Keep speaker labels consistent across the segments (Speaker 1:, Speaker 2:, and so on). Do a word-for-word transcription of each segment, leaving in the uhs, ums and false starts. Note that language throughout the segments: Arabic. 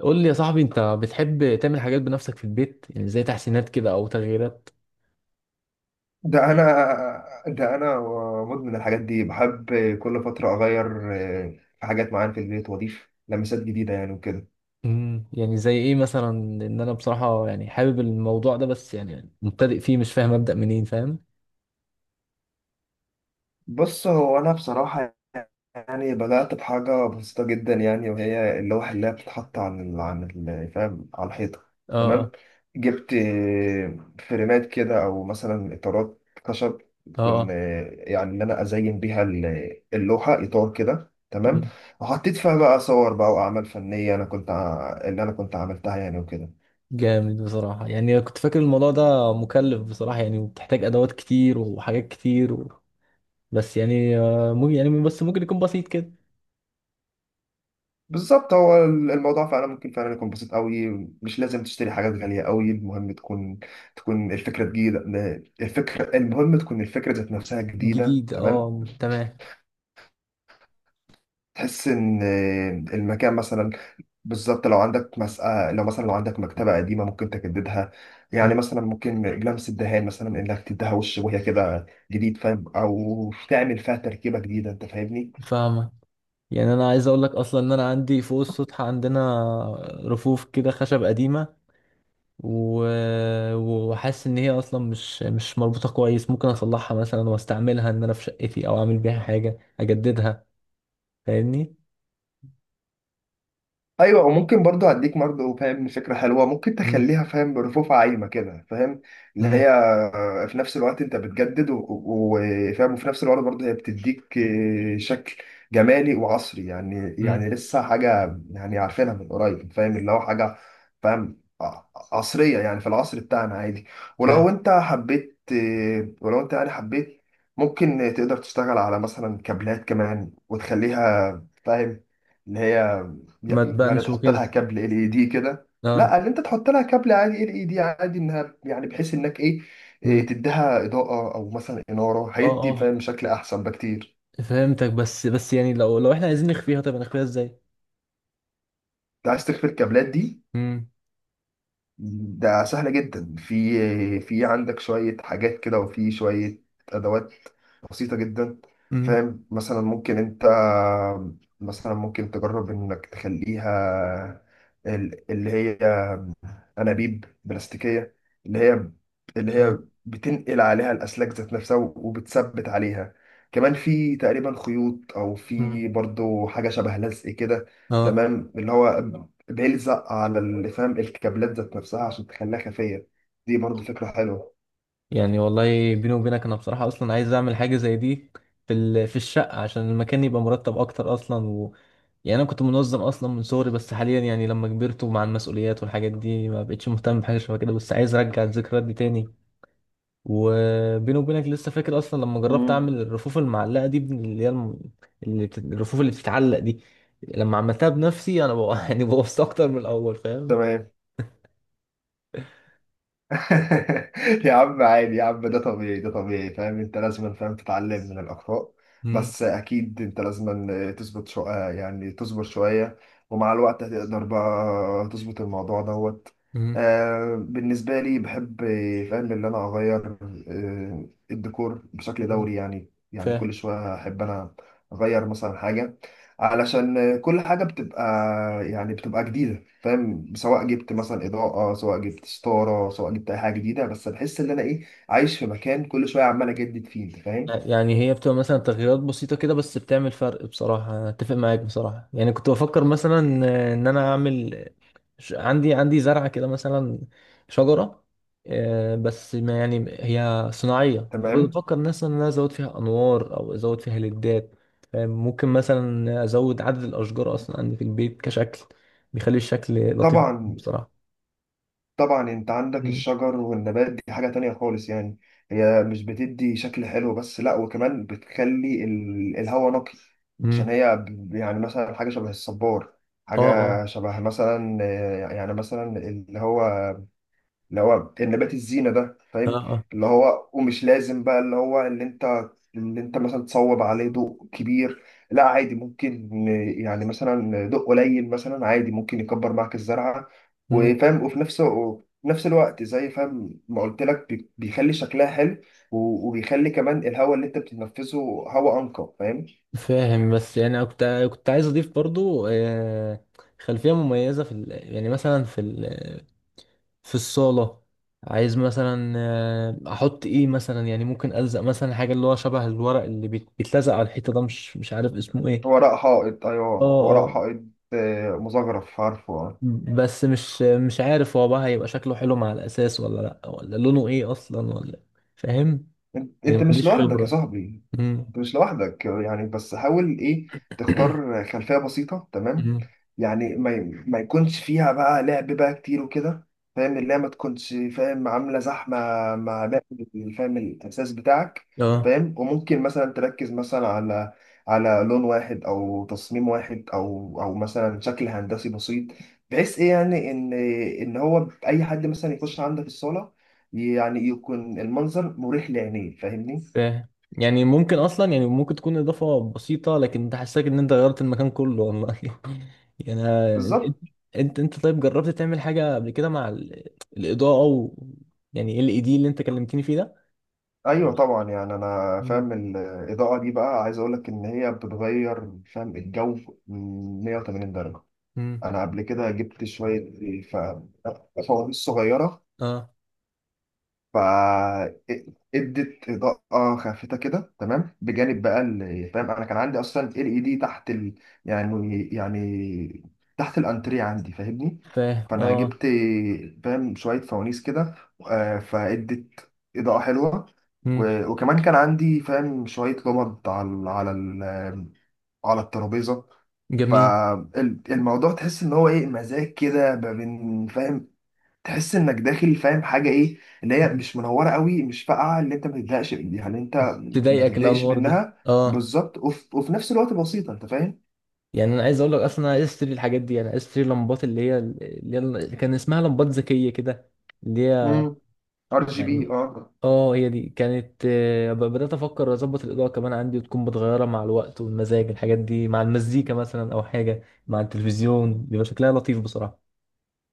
Speaker 1: قول لي يا صاحبي، انت بتحب تعمل حاجات بنفسك في البيت، يعني زي تحسينات كده او تغييرات؟
Speaker 2: ده انا ده انا مدمن الحاجات دي، بحب كل فتره اغير آه، في حاجات معينه في البيت واضيف لمسات جديده يعني وكده.
Speaker 1: امم يعني زي ايه مثلا؟ ان انا بصراحة يعني حابب الموضوع ده، بس يعني مبتدئ فيه، مش فاهم ابدأ منين، فاهم.
Speaker 2: بص، هو أنا بصراحة يعني بدأت بحاجة بسيطة جدا، يعني وهي اللوحة اللي هي بتتحط عن ال عن ال فاهم على الحيطة،
Speaker 1: اه اه
Speaker 2: تمام. جبت آه، فريمات كده أو مثلا إطارات خشب
Speaker 1: اه
Speaker 2: تكون
Speaker 1: اه.
Speaker 2: آه، يعني إن أنا أزين بيها ال- اللوحة، إطار كده تمام.
Speaker 1: مم.
Speaker 2: وحطيت فيها بقى صور بقى وأعمال فنية أنا كنت ع- اللي أنا كنت عملتها يعني وكده.
Speaker 1: جامد بصراحة. يعني كنت فاكر الموضوع ده مكلف بصراحة، يعني وبتحتاج ادوات كتير وحاجات كتير و... بس يعني آه، ممكن، يعني بس ممكن يكون بسيط كده.
Speaker 2: بالظبط، هو الموضوع فعلا ممكن فعلا يكون بسيط قوي. مش لازم تشتري حاجات غالية قوي، المهم تكون تكون الفكرة جديدة. الفكرة، المهم تكون الفكرة ذات نفسها جديدة،
Speaker 1: جديد،
Speaker 2: تمام.
Speaker 1: اه تمام.
Speaker 2: تحس ان المكان مثلا، بالظبط لو عندك مسألة، لو مثلا لو عندك مكتبة قديمة ممكن تجددها. يعني
Speaker 1: أمم.
Speaker 2: مثلا ممكن لمس الدهان، مثلا انك تديها وش وهي كده جديد، فاهم؟ او تعمل فيها تركيبة جديدة، انت فاهمني.
Speaker 1: فاهمك. يعني انا عايز اقول لك اصلا ان انا عندي فوق السطح عندنا رفوف كده خشب قديمه. و- وحاسس ان هي اصلا مش مش مربوطه كويس، ممكن اصلحها مثلا واستعملها ان انا في شقتي، او اعمل بيها حاجه اجددها، فاهمني.
Speaker 2: ايوه، وممكن برضو اديك برضو فاهم فكره حلوه، ممكن
Speaker 1: مم.
Speaker 2: تخليها فاهم برفوف عايمه كده فاهم. اللي
Speaker 1: مم.
Speaker 2: هي آه، في نفس الوقت انت بتجدد و- و- وفاهم، وفي نفس الوقت برضو هي بتديك آه، شكل جمالي وعصري، يعني
Speaker 1: مم.
Speaker 2: يعني لسه حاجه يعني عارفينها من قريب، فاهم اللي هو حاجه فاهم ع- عصريه يعني في العصر بتاعنا عادي.
Speaker 1: فاهم.
Speaker 2: ولو انت حبيت آه، ولو انت يعني حبيت ممكن تقدر تشتغل على مثلا كابلات كمان وتخليها فاهم اللي هي
Speaker 1: ما
Speaker 2: يعني
Speaker 1: تبانش
Speaker 2: تحط
Speaker 1: وكده.
Speaker 2: لها كابل ال اي دي كده.
Speaker 1: اه.
Speaker 2: لا، ان انت تحط لها كابل عادي ال اي دي عادي، انها يعني بحيث انك ايه، إيه
Speaker 1: مم.
Speaker 2: تديها اضاءه او مثلا اناره،
Speaker 1: اه
Speaker 2: هيدي
Speaker 1: اه.
Speaker 2: فاهم شكل احسن بكتير.
Speaker 1: فهمتك. بس بس يعني لو لو احنا عايزين نخفيها، طب نخفيها ازاي؟
Speaker 2: انت عايز تخفي الكابلات دي؟
Speaker 1: مم.
Speaker 2: ده سهله جدا. في آه، في عندك شويه حاجات كده وفي شويه ادوات بسيطه جدا.
Speaker 1: مم.
Speaker 2: فاهم، مثلا ممكن انت مثلا ممكن تجرب انك تخليها ال- اللي هي انابيب بلاستيكيه، اللي هي اللي هي
Speaker 1: اه.
Speaker 2: بتنقل عليها الاسلاك ذات نفسها وبتثبت عليها. كمان في تقريبا خيوط، او
Speaker 1: مم.
Speaker 2: في برضو حاجه شبه لزق كده،
Speaker 1: اه.
Speaker 2: تمام، اللي هو بيلزق على ال- فاهم الكابلات ذات نفسها عشان تخليها خفيه. دي برضو فكره حلوه.
Speaker 1: يعني والله بيني وبينك انا بصراحة اصلا عايز اعمل حاجة زي دي، في ال... في الشقة، عشان المكان يبقى مرتب اكتر اصلا و... يعني انا كنت منظم اصلا من صغري، بس حاليا يعني لما كبرت، ومع المسؤوليات والحاجات دي، ما بقتش مهتم بحاجة شبه كده، بس عايز ارجع الذكريات دي تاني. وبيني وبينك لسه فاكر اصلا لما جربت
Speaker 2: مم.
Speaker 1: اعمل الرفوف المعلقة دي، بن- اللي هي الم... اللي بت... الرفوف اللي بتتعلق دي، لما عملتها بنفسي انا بقى يعني بوظت اكتر من الاول، فاهم.
Speaker 2: تمام. يا عم، عادي يا عم، ده طبيعي، ده طبيعي، فاهم؟ انت لازم فاهم تتعلم من الاخطاء.
Speaker 1: مم.
Speaker 2: بس اكيد انت لازم تظبط، شو... يعني تصبر شويه، ومع الوقت هتقدر بقى تظبط الموضوع دوت.
Speaker 1: مم.
Speaker 2: آه، بالنسبه لي بحب فاهم ان انا اغير آه الديكور بشكل
Speaker 1: مم.
Speaker 2: دوري، يعني يعني
Speaker 1: فاهم.
Speaker 2: كل شويه احب انا اغير مثلا حاجه، علشان كل حاجه بتبقى يعني بتبقى جديده، فاهم؟ سواء جبت مثلا اضاءه، سواء جبت ستاره، سواء جبت اي حاجه جديده، بس بحس ان انا ايه عايش في مكان كل شويه عمال اجدد فيه، انت فاهم.
Speaker 1: لا، يعني هي بتبقى مثلا تغييرات بسيطة كده، بس بتعمل فرق بصراحة. أنا أتفق معاك بصراحة. يعني كنت بفكر مثلا إن أنا أعمل، ش- عندي عندي زرعة كده مثلا، شجرة، آه، بس ما يعني هي صناعية،
Speaker 2: تمام.
Speaker 1: فبفكر مثلا إن أنا أزود فيها أنوار أو أزود فيها ليدات، فاهم؟ ممكن مثلا أزود عدد الأشجار أصلا عندي في البيت كشكل، بيخلي الشكل لطيف
Speaker 2: طبعا،
Speaker 1: بصراحة.
Speaker 2: طبعا انت عندك
Speaker 1: مم.
Speaker 2: الشجر والنبات دي حاجه تانية خالص، يعني هي مش بتدي شكل حلو بس، لا، وكمان بتخلي ال- الهواء نقي. عشان
Speaker 1: مم.
Speaker 2: هي ب- يعني مثلا حاجه شبه الصبار،
Speaker 1: اه
Speaker 2: حاجه
Speaker 1: اه
Speaker 2: شبه مثلا آه، يعني مثلا اللي هو اللي هو النبات الزينة ده
Speaker 1: اه
Speaker 2: فاهم.
Speaker 1: اه.
Speaker 2: اللي هو ومش لازم بقى اللي هو اللي انت اللي انت مثلا تصوب عليه ضوء كبير. لا، عادي ممكن يعني مثلا ضوء قليل مثلا عادي ممكن يكبر معاك الزرعة.
Speaker 1: مم.
Speaker 2: وفاهم، وفي نفس وفي نفس الوقت زي فاهم ما قلت لك بي- بيخلي شكلها حلو و- وبيخلي كمان الهواء اللي انت بتتنفسه هواء انقى، فاهم.
Speaker 1: فاهم. بس يعني أنا كنت كنت عايز اضيف برضو، آه، خلفيه مميزه في ال... يعني مثلا في ال... في الصاله. عايز مثلا آه، احط ايه مثلا، يعني ممكن الزق مثلا حاجه اللي هو شبه الورق اللي بيت- بيتلزق على الحيطه ده، مش مش عارف اسمه ايه.
Speaker 2: هو رق حائط، ايوه
Speaker 1: اه
Speaker 2: هو رق
Speaker 1: اه.
Speaker 2: حائط آه، مزخرف، عارفه. آه.
Speaker 1: بس مش مش عارف هو بقى هيبقى شكله حلو مع الاساس ولا لا، ولا لونه ايه اصلا، ولا فاهم.
Speaker 2: انت
Speaker 1: يعني
Speaker 2: انت
Speaker 1: ما
Speaker 2: مش
Speaker 1: عنديش
Speaker 2: لوحدك يا
Speaker 1: خبره.
Speaker 2: صاحبي،
Speaker 1: امم.
Speaker 2: انت مش لوحدك يعني، بس حاول ايه تختار خلفية بسيطة، تمام.
Speaker 1: أمم.
Speaker 2: يعني ما ما يكونش فيها بقى لعب بقى كتير وكده، فاهم، اللعبة ما تكونش فاهم عاملة زحمة مع باقي الفهم الأساس بتاعك.
Speaker 1: اه.
Speaker 2: فاهم، وممكن مثلا تركز مثلا على على لون واحد أو تصميم واحد أو أو مثلا شكل هندسي بسيط، بحيث ايه يعني ان ان هو اي حد مثلا يخش عندك الصالة يعني يكون المنظر مريح لعينيه، فاهمني.
Speaker 1: فاهم. يعني ممكن اصلا، يعني ممكن تكون اضافه بسيطه لكن تحسسك ان انت غيرت المكان كله، والله. يعني أنا-
Speaker 2: بالظبط.
Speaker 1: انت انت طيب، جربت تعمل حاجه قبل كده مع ال- الاضاءه، و يعني إيه ال اي دي اللي انت كلمتني فيه ده؟
Speaker 2: ايوه طبعا، يعني انا
Speaker 1: مم.
Speaker 2: فاهم الاضاءه دي بقى، عايز اقول لك ان هي بتغير فاهم الجو مية وتمانين درجه.
Speaker 1: امم.
Speaker 2: انا قبل كده جبت شويه ف- فوانيس صغيره،
Speaker 1: اه.
Speaker 2: فادت اضاءه خافته كده، تمام، بجانب بقى ال- فاهم انا كان عندي اصلا ال اي دي تحت ال... يعني يعني تحت الانتريه عندي فاهمني.
Speaker 1: فاهم.
Speaker 2: فانا
Speaker 1: اه.
Speaker 2: جبت فاهم شويه فوانيس كده آه، فادت اضاءه حلوه.
Speaker 1: امم.
Speaker 2: و... وكمان كان عندي فاهم شويه لمض على ال- على ال... على الترابيزه،
Speaker 1: جميل.
Speaker 2: فالموضوع تحس ان هو ايه مزاج كده ما بين فاهم. تحس انك داخل فاهم حاجه ايه اللي هي
Speaker 1: مم.
Speaker 2: مش منوره قوي، مش فاقعه، اللي انت ما تتضايقش من- يعني انت ما
Speaker 1: تضايقك
Speaker 2: تتضايقش
Speaker 1: الانوار دي،
Speaker 2: منها،
Speaker 1: اه.
Speaker 2: بالظبط، وف... وفي نفس الوقت بسيطه، انت فاهم.
Speaker 1: يعني انا عايز اقول لك اصلا، انا عايز اشتري الحاجات دي، انا عايز اشتري لمبات اللي هي اللي هي اللي كان اسمها لمبات ذكيه كده، اللي هي
Speaker 2: امم، ار جي بي،
Speaker 1: يعني.
Speaker 2: اه.
Speaker 1: اه، هي دي كانت، آه، ب- بدأت أفكر أظبط الإضاءة كمان عندي، وتكون متغيرة مع الوقت والمزاج، الحاجات دي مع المزيكا مثلا أو حاجة مع التلفزيون، بيبقى شكلها لطيف بصراحة.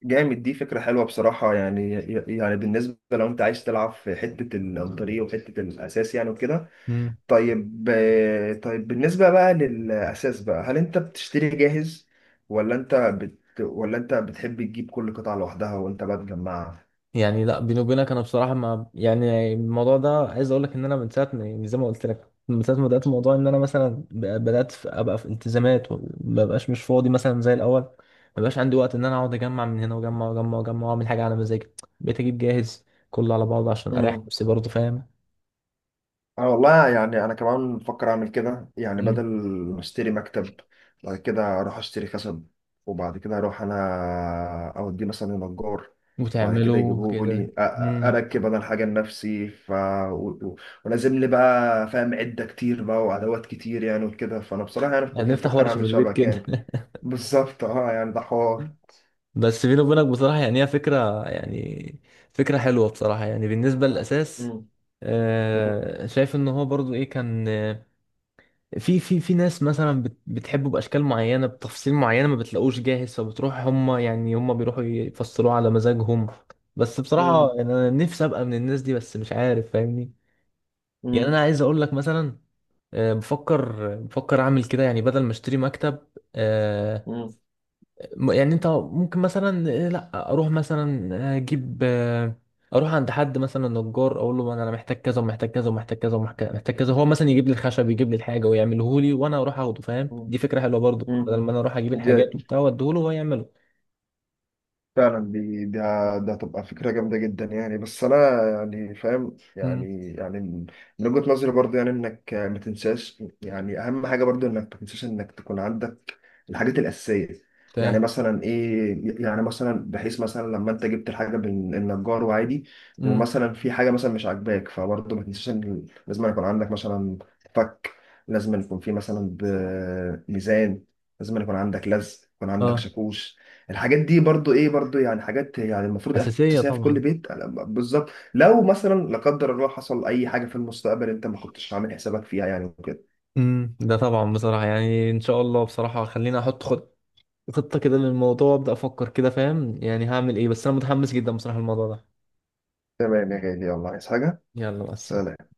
Speaker 2: جامد، دي فكره حلوه بصراحه، يعني يعني بالنسبه لو انت عايز تلعب في حته الطريق وحته الاساس يعني وكده.
Speaker 1: مم.
Speaker 2: طيب آه، طيب بالنسبه بقى للاساس بقى، هل انت بتشتري جاهز ولا انت بت... ولا انت بتحب تجيب كل قطعه لوحدها وانت بقى تجمعها؟
Speaker 1: يعني لا، بيني وبينك أنا بصراحة، ما يعني الموضوع ده، عايز أقول لك إن أنا من ساعة ما- يعني زي ما قلت لك، من ساعة ما بدأت الموضوع، إن أنا مثلا ب- بدأت في- أبقى في التزامات، وما بقاش مش فاضي مثلا زي الأول. ما بقاش عندي وقت إن أنا أقعد أجمع من هنا، وأجمع وأجمع وأجمع، وأعمل حاجة على مزاجي. بقيت أجيب جاهز كله على بعضه، عشان أريح نفسي برضه، فاهم.
Speaker 2: انا والله يعني انا كمان بفكر اعمل كده، يعني
Speaker 1: مم.
Speaker 2: بدل ما اشتري مكتب بعد كده اروح اشتري خشب، وبعد كده اروح انا اوديه مثلا لنجار، وبعد كده
Speaker 1: وتعمله
Speaker 2: يجيبه لي
Speaker 1: كده.
Speaker 2: أ- أ-
Speaker 1: مم.
Speaker 2: اركب انا الحاجه لنفسي، ف و- و- ولازم لي بقى فاهم عده كتير بقى وادوات كتير يعني وكده. فانا بصراحه يعني كنت
Speaker 1: هنفتح
Speaker 2: مفكر
Speaker 1: ورشة في
Speaker 2: اعمل
Speaker 1: البيت
Speaker 2: شبك يعني.
Speaker 1: كده.
Speaker 2: بالظبط، اه، يعني ده حوار.
Speaker 1: بس بيني وبينك بصراحة، يعني هي فكرة، يعني فكرة حلوة بصراحة، يعني بالنسبة للأساس،
Speaker 2: مم. مم.
Speaker 1: آه، شايف ان هو برضو ايه، كان آه، في في في ناس مثلا بت- بتحبه باشكال معينه بتفاصيل معينه، ما بتلاقوش جاهز، فبتروح هم، يعني هم بيروحوا يفصلوه على مزاجهم. بس بصراحه
Speaker 2: مم.
Speaker 1: يعني انا نفسي ابقى من الناس دي، بس مش عارف، فاهمني. يعني
Speaker 2: مم.
Speaker 1: انا عايز اقول لك مثلا، آه، بفكر بفكر اعمل كده، يعني بدل ما اشتري مكتب، آه،
Speaker 2: مم.
Speaker 1: م- يعني انت ممكن مثلا، آه، لا اروح مثلا، آه، اجيب، آه، اروح عند حد مثلا نجار، اقول له انا محتاج كذا ومحتاج كذا ومحتاج كذا ومحتاج كذا، هو مثلا يجيب لي الخشب، يجيب لي الحاجه ويعمله لي وانا اروح اخده، فاهم. دي
Speaker 2: مم.
Speaker 1: فكره حلوه برضو، بدل ما انا اروح اجيب
Speaker 2: مم.
Speaker 1: الحاجات وبتاع واديه له وهو يعمله.
Speaker 2: فعلا، دي ده ده هتبقى فكرة جامدة جدا، يعني بس أنا يعني فاهم،
Speaker 1: امم.
Speaker 2: يعني يعني من وجهة نظري برضه، يعني إنك ما تنساش يعني أهم حاجة برضه إنك ما تنساش إنك تكون عندك الحاجات الأساسية. يعني
Speaker 1: فاهم.
Speaker 2: مثلا إيه، يعني مثلا بحيث مثلا لما أنت جبت الحاجة من النجار وعادي
Speaker 1: امم.
Speaker 2: ومثلا في حاجة مثلا مش عاجباك، فبرضه ما تنساش إن لازم يكون عندك مثلا فك، لازم يكون في مثلا ب- ميزان، لازم يكون عندك لزق، يكون عندك
Speaker 1: اه.
Speaker 2: شاكوش. الحاجات دي برضو ايه برضو يعني حاجات يعني المفروض
Speaker 1: اساسيه
Speaker 2: اساسيه في كل
Speaker 1: طبعا.
Speaker 2: بيت. أنا ب- بالظبط، لو مثلا، لا قدر الله، حصل اي حاجه في المستقبل انت ما كنتش عامل حسابك فيها يعني وكده.
Speaker 1: امم، ده طبعا بصراحه. يعني ان شاء الله بصراحه، خليني احط، خد خطة كده للموضوع، أبدأ أفكر كده فاهم يعني هعمل إيه، بس أنا متحمس جدا بصراحة الموضوع ده.
Speaker 2: تمام يا غالي، يلا، عايز حاجه؟
Speaker 1: يلا بس.
Speaker 2: سلام.